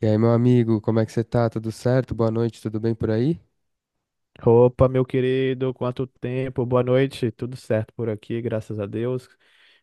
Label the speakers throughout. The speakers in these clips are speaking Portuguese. Speaker 1: E aí, meu amigo, como é que você tá? Tudo certo? Boa noite, tudo bem por aí?
Speaker 2: Opa, meu querido, quanto tempo, boa noite, tudo certo por aqui, graças a Deus.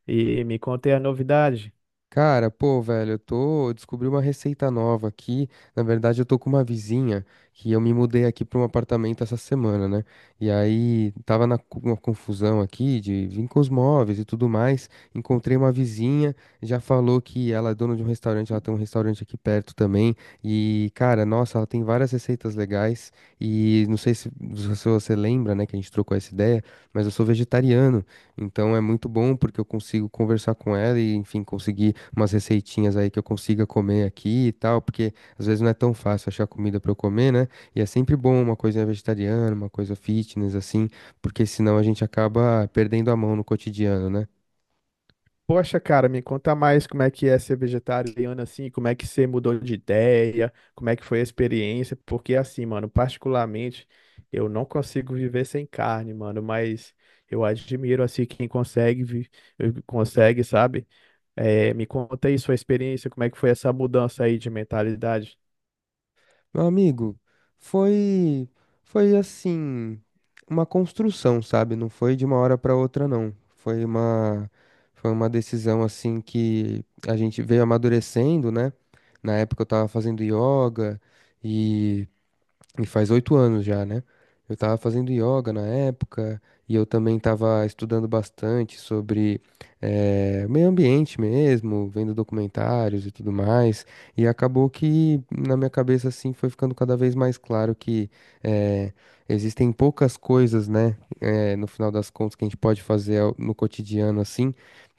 Speaker 2: E me contei a novidade.
Speaker 1: Cara, pô, velho, eu descobri uma receita nova aqui. Na verdade, eu tô com uma vizinha que eu me mudei aqui pra um apartamento essa semana, né? E aí tava uma confusão aqui de vir com os móveis e tudo mais. Encontrei uma vizinha, já falou que ela é dona de um restaurante, ela tem um restaurante aqui perto também. E, cara, nossa, ela tem várias receitas legais. E não sei se você lembra, né, que a gente trocou essa ideia, mas eu sou vegetariano. Então é muito bom porque eu consigo conversar com ela e, enfim, conseguir umas receitinhas aí que eu consiga comer aqui e tal, porque às vezes não é tão fácil achar comida pra eu comer, né? E é sempre bom uma coisa vegetariana, uma coisa fitness, assim, porque senão a gente acaba perdendo a mão no cotidiano, né?
Speaker 2: Poxa, cara, me conta mais como é que é ser vegetariano assim, como é que você mudou de ideia, como é que foi a experiência, porque assim, mano, particularmente, eu não consigo viver sem carne, mano, mas eu admiro assim quem consegue, consegue, sabe? Me conta aí sua experiência, como é que foi essa mudança aí de mentalidade.
Speaker 1: Meu amigo, foi foi assim, uma construção, sabe? Não foi de uma hora para outra, não. Foi uma foi uma decisão assim que a gente veio amadurecendo, né? Na época eu tava fazendo yoga e e faz 8 anos já, né? Eu tava fazendo yoga na época e eu também tava estudando bastante sobre meio ambiente mesmo, vendo documentários e tudo mais. E acabou que na minha cabeça, assim, foi ficando cada vez mais claro que eh, existem poucas coisas, né? No final das contas, que a gente pode fazer no cotidiano, assim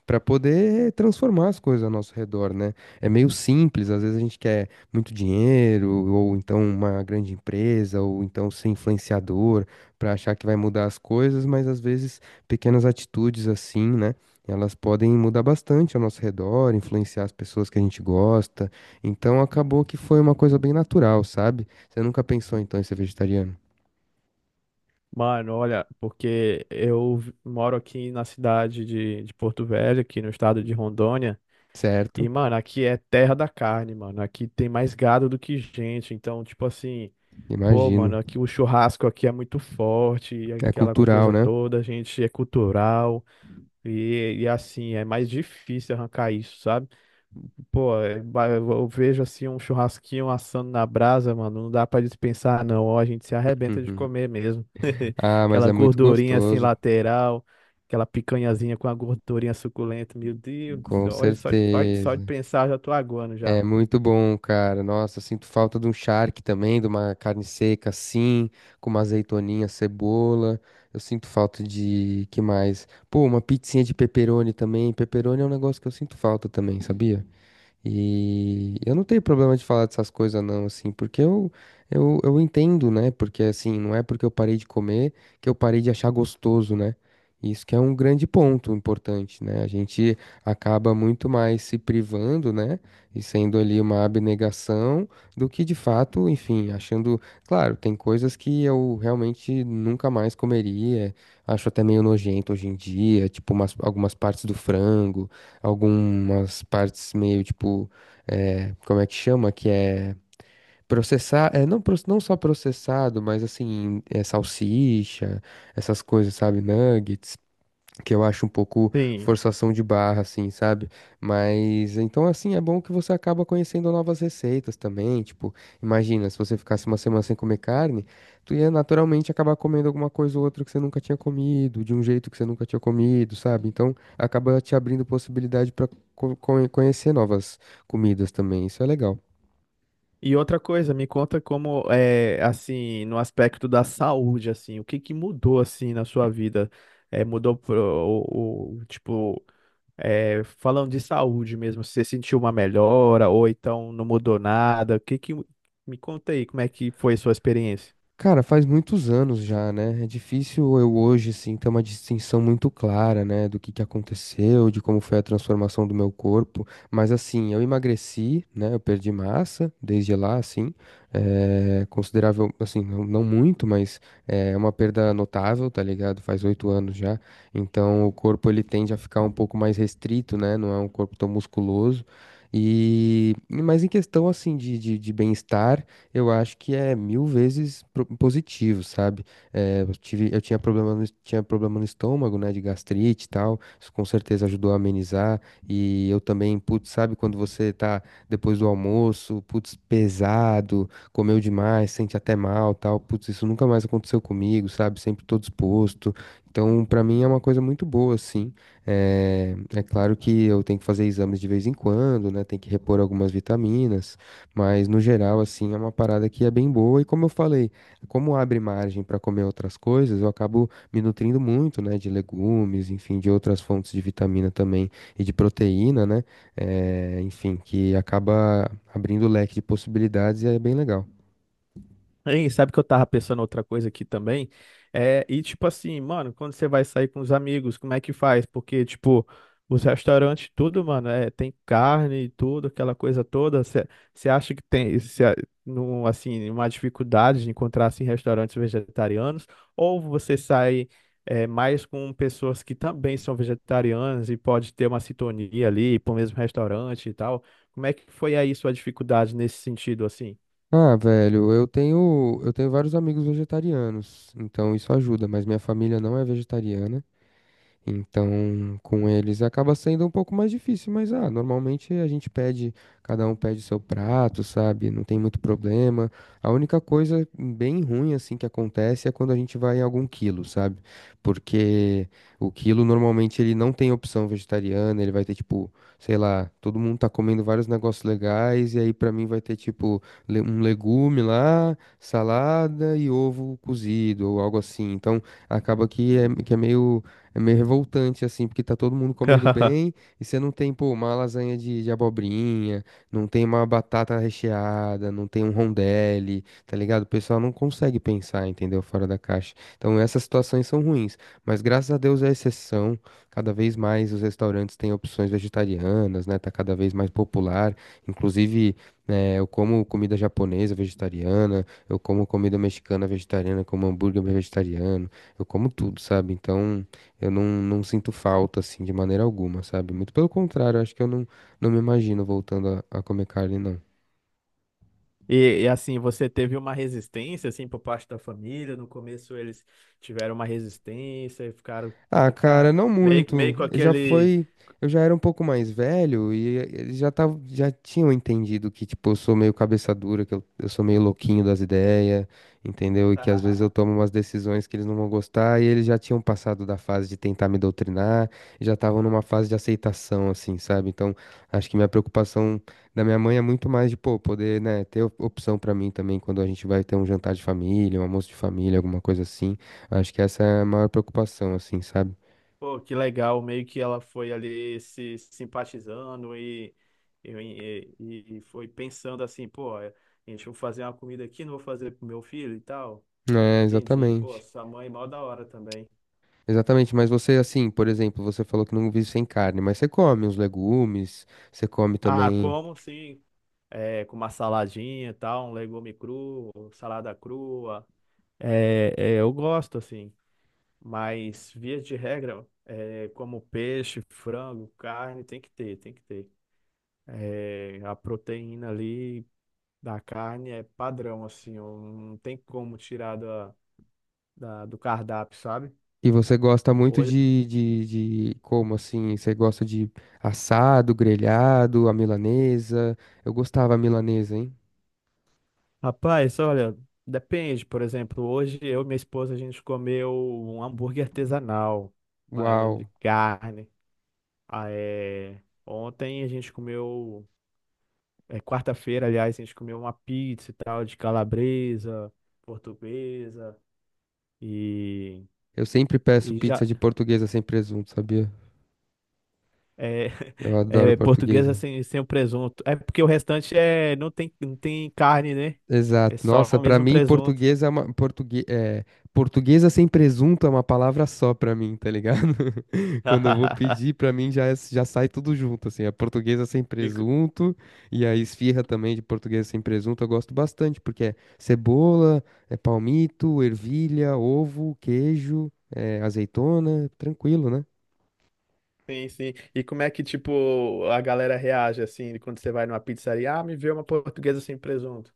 Speaker 1: para poder transformar as coisas ao nosso redor, né? É meio simples, às vezes a gente quer muito dinheiro, ou então uma grande empresa, ou então ser influenciador para achar que vai mudar as coisas, mas às vezes pequenas atitudes assim, né? Elas podem mudar bastante ao nosso redor, influenciar as pessoas que a gente gosta. Então acabou que foi uma coisa bem natural, sabe? Você nunca pensou então em ser vegetariano?
Speaker 2: Mano, olha, porque eu moro aqui na cidade de Porto Velho, aqui no estado de Rondônia,
Speaker 1: Certo,
Speaker 2: e, mano, aqui é terra da carne, mano. Aqui tem mais gado do que gente, então, tipo assim, pô,
Speaker 1: imagino.
Speaker 2: mano, aqui o churrasco aqui é muito forte, e
Speaker 1: É
Speaker 2: aquela
Speaker 1: cultural,
Speaker 2: coisa
Speaker 1: né?
Speaker 2: toda, a gente é cultural, e assim, é mais difícil arrancar isso, sabe? Pô, eu vejo assim um churrasquinho assando na brasa, mano, não dá pra dispensar, não, ó, a gente se arrebenta de
Speaker 1: Uhum.
Speaker 2: comer mesmo.
Speaker 1: Ah, mas
Speaker 2: Aquela
Speaker 1: é muito
Speaker 2: gordurinha assim
Speaker 1: gostoso.
Speaker 2: lateral, aquela picanhazinha com a gordurinha suculenta. Meu Deus do
Speaker 1: Com
Speaker 2: céu, olha, só de
Speaker 1: certeza.
Speaker 2: pensar já tô aguando
Speaker 1: É
Speaker 2: já.
Speaker 1: muito bom, cara. Nossa, sinto falta de um charque também, de uma carne seca assim, com uma azeitoninha, cebola. Eu sinto falta de que mais? Pô, uma pizzinha de pepperoni também. Pepperoni é um negócio que eu sinto falta também, sabia? E eu não tenho problema de falar dessas coisas não, assim, porque eu entendo, né? Porque assim, não é porque eu parei de comer que eu parei de achar gostoso, né? Isso que é um grande ponto importante, né? A gente acaba muito mais se privando, né? E sendo ali uma abnegação do que de fato, enfim, achando. Claro, tem coisas que eu realmente nunca mais comeria. Acho até meio nojento hoje em dia, tipo algumas partes do frango algumas partes meio tipo, como é que chama? Que é processar, é, não, não só processado, mas assim, é, salsicha, essas coisas, sabe? Nuggets que eu acho um pouco
Speaker 2: Sim.
Speaker 1: forçação de barra, assim, sabe? Mas então, assim, é bom que você acaba conhecendo novas receitas também. Tipo, imagina, se você ficasse uma semana sem comer carne, tu ia naturalmente acabar comendo alguma coisa ou outra que você nunca tinha comido, de um jeito que você nunca tinha comido, sabe? Então, acaba te abrindo possibilidade para conhecer novas comidas também. Isso é legal.
Speaker 2: E outra coisa, me conta como é assim, no aspecto da saúde, assim, o que que mudou assim na sua vida? É, mudou pro, o- tipo, é, falando de saúde mesmo, você sentiu uma melhora ou então não mudou nada? O que que, me conta aí, como é que foi a sua experiência?
Speaker 1: Cara, faz muitos anos já, né? É difícil eu hoje, assim, ter uma distinção muito clara, né, do que aconteceu, de como foi a transformação do meu corpo. Mas, assim, eu emagreci, né? Eu perdi massa desde lá, assim. É considerável, assim, não, não muito, mas é uma perda notável, tá ligado? Faz 8 anos já. Então, o corpo, ele tende a ficar um pouco mais restrito, né? Não é um corpo tão musculoso. E, mas em questão, assim, de, de bem-estar eu acho que é mil vezes positivo, sabe? Eh, eu tive, eu tinha problema no, es- Tinha problema no estômago, né, de gastrite e tal. Isso com certeza ajudou a amenizar. E eu também, putz, sabe quando você tá depois do almoço, putz, pesado, comeu demais, sente até mal, tal. Putz, isso nunca mais aconteceu comigo, sabe? Sempre tô disposto. Então, pra mim é uma coisa muito boa, assim. É, é claro que eu tenho que fazer exames de vez em quando, né? Tem que repor algumas vitaminas. Mas no geral, assim, é uma parada que é bem boa. E como eu falei, como abre margem para comer outras coisas, eu acabo me nutrindo muito, né, de legumes, enfim, de outras fontes de vitamina também e de proteína, né? Enfim, que acaba abrindo o leque de possibilidades e é bem legal.
Speaker 2: Hein, sabe que eu tava pensando outra coisa aqui também? É, e tipo assim, mano, quando você vai sair com os amigos, como é que faz? Porque, tipo, os restaurantes, tudo, mano, é, tem carne e tudo, aquela coisa toda. Você acha que tem, assim, uma dificuldade de encontrar, assim, restaurantes vegetarianos? Ou você sai, é, mais com pessoas que também são vegetarianas e pode ter uma sintonia ali pro mesmo restaurante e tal? Como é que foi aí sua dificuldade nesse sentido, assim?
Speaker 1: Ah, velho, eu tenho vários amigos vegetarianos, então isso ajuda, mas minha família não é vegetariana. Então, com eles acaba sendo um pouco mais difícil, mas ah, normalmente a gente pede, cada um pede seu prato, sabe? Não tem muito problema. A única coisa bem ruim assim que acontece é quando a gente vai em algum quilo, sabe? Porque o quilo normalmente ele não tem opção vegetariana, ele vai ter tipo, sei lá, todo mundo tá comendo vários negócios legais e aí pra mim vai ter tipo um legume lá, salada e ovo cozido ou algo assim. Então, acaba que é que é meio revoltante, assim, porque tá todo mundo comendo bem e você não tem, pô, uma lasanha de abobrinha, não tem uma batata recheada, não tem um rondelli, tá ligado? O pessoal não consegue pensar, entendeu? Fora da caixa. Então essas situações são ruins, mas graças a Deus é exceção. Cada vez mais os restaurantes têm opções vegetarianas, né? Tá cada vez mais popular. Inclusive, né, eu como comida japonesa vegetariana, eu como comida mexicana vegetariana, como hambúrguer vegetariano, eu como tudo, sabe? Então. Eu não sinto falta, assim, de maneira alguma, sabe? Muito pelo contrário, acho que eu não me imagino voltando a comer carne, não.
Speaker 2: E, e, assim, você teve uma resistência, assim, por parte da família. No começo eles tiveram uma resistência e ficaram,
Speaker 1: Ah, cara,
Speaker 2: fica-
Speaker 1: não
Speaker 2: meio, meio
Speaker 1: muito.
Speaker 2: com
Speaker 1: Eu Já
Speaker 2: aquele.
Speaker 1: foi. Eu já era um pouco mais velho e eles já tinham entendido que, tipo, eu sou meio cabeça dura, que eu sou meio louquinho das ideias, entendeu? E que às vezes eu tomo umas decisões que eles não vão gostar e eles já tinham passado da fase de tentar me doutrinar e já estavam numa fase de aceitação, assim, sabe? Então, acho que minha preocupação da minha mãe é muito mais de, pô, poder, né, ter opção pra mim também quando a gente vai ter um jantar de família, um almoço de família, alguma coisa assim. Acho que essa é a maior preocupação, assim, sabe?
Speaker 2: Pô, que legal, meio que ela foi ali se simpatizando e foi pensando assim, pô, é, gente, vou fazer uma comida aqui, não vou fazer pro meu filho e tal.
Speaker 1: É,
Speaker 2: Entendi, pô,
Speaker 1: exatamente.
Speaker 2: sua mãe mó da hora também.
Speaker 1: Exatamente, mas você, assim, por exemplo, você falou que não vive sem carne, mas você come uns legumes, você come
Speaker 2: Ah,
Speaker 1: também.
Speaker 2: como sim? É, com uma saladinha e tal, um legume cru, salada crua. É, é, eu gosto, assim, mas via de regra, é, como peixe, frango, carne, tem que ter, tem que ter. É, a proteína ali da carne é padrão, assim, eu não tem como tirar do cardápio, sabe?
Speaker 1: E você gosta muito
Speaker 2: Hoje,
Speaker 1: de como assim? Você gosta de assado, grelhado, a milanesa. Eu gostava a milanesa, hein?
Speaker 2: rapaz, olha, depende, por exemplo, hoje eu e minha esposa a gente comeu um hambúrguer artesanal, mas de
Speaker 1: Uau!
Speaker 2: carne. Ah, é, ontem a gente comeu. É, quarta-feira, aliás, a gente comeu uma pizza e tal, de calabresa, portuguesa e,
Speaker 1: Eu sempre peço
Speaker 2: e
Speaker 1: pizza
Speaker 2: já
Speaker 1: de portuguesa sem presunto, sabia?
Speaker 2: é,
Speaker 1: Eu adoro
Speaker 2: é, portuguesa
Speaker 1: portuguesa.
Speaker 2: sem o presunto. É porque o restante é não tem, não tem carne, né? É
Speaker 1: Exato.
Speaker 2: só
Speaker 1: Nossa,
Speaker 2: o
Speaker 1: pra
Speaker 2: mesmo
Speaker 1: mim,
Speaker 2: presunto.
Speaker 1: português é uma portugue... é, portuguesa sem presunto é uma palavra só pra mim, tá ligado? Quando eu vou pedir, pra mim já já sai tudo junto, assim. É portuguesa sem
Speaker 2: E co-
Speaker 1: presunto e a esfirra também de portuguesa sem presunto eu gosto bastante, porque é cebola, é palmito, ervilha, ovo, queijo, é azeitona, tranquilo, né?
Speaker 2: sim, sim. E como é que, tipo, a galera reage assim quando você vai numa pizzaria? Ah, me vê uma portuguesa sem presunto.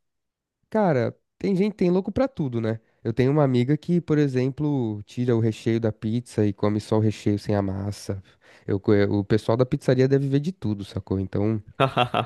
Speaker 1: Cara, tem gente, tem louco pra tudo, né? Eu tenho uma amiga que, por exemplo, tira o recheio da pizza e come só o recheio sem a massa. O pessoal da pizzaria deve ver de tudo, sacou? Então,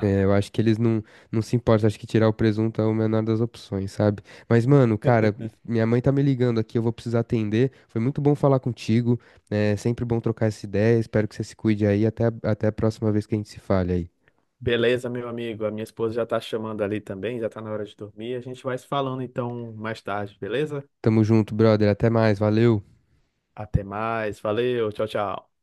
Speaker 1: é, eu acho que eles não se importam. Acho que tirar o presunto é o menor das opções, sabe? Mas, mano, cara, minha mãe tá me ligando aqui, eu vou precisar atender. Foi muito bom falar contigo. É sempre bom trocar essa ideia. Espero que você se cuide aí. Até, até a próxima vez que a gente se fale aí.
Speaker 2: Beleza, meu amigo. A minha esposa já tá chamando ali também, já tá na hora de dormir. A gente vai se falando então mais tarde, beleza?
Speaker 1: Tamo junto, brother. Até mais. Valeu.
Speaker 2: Até mais. Valeu, tchau, tchau.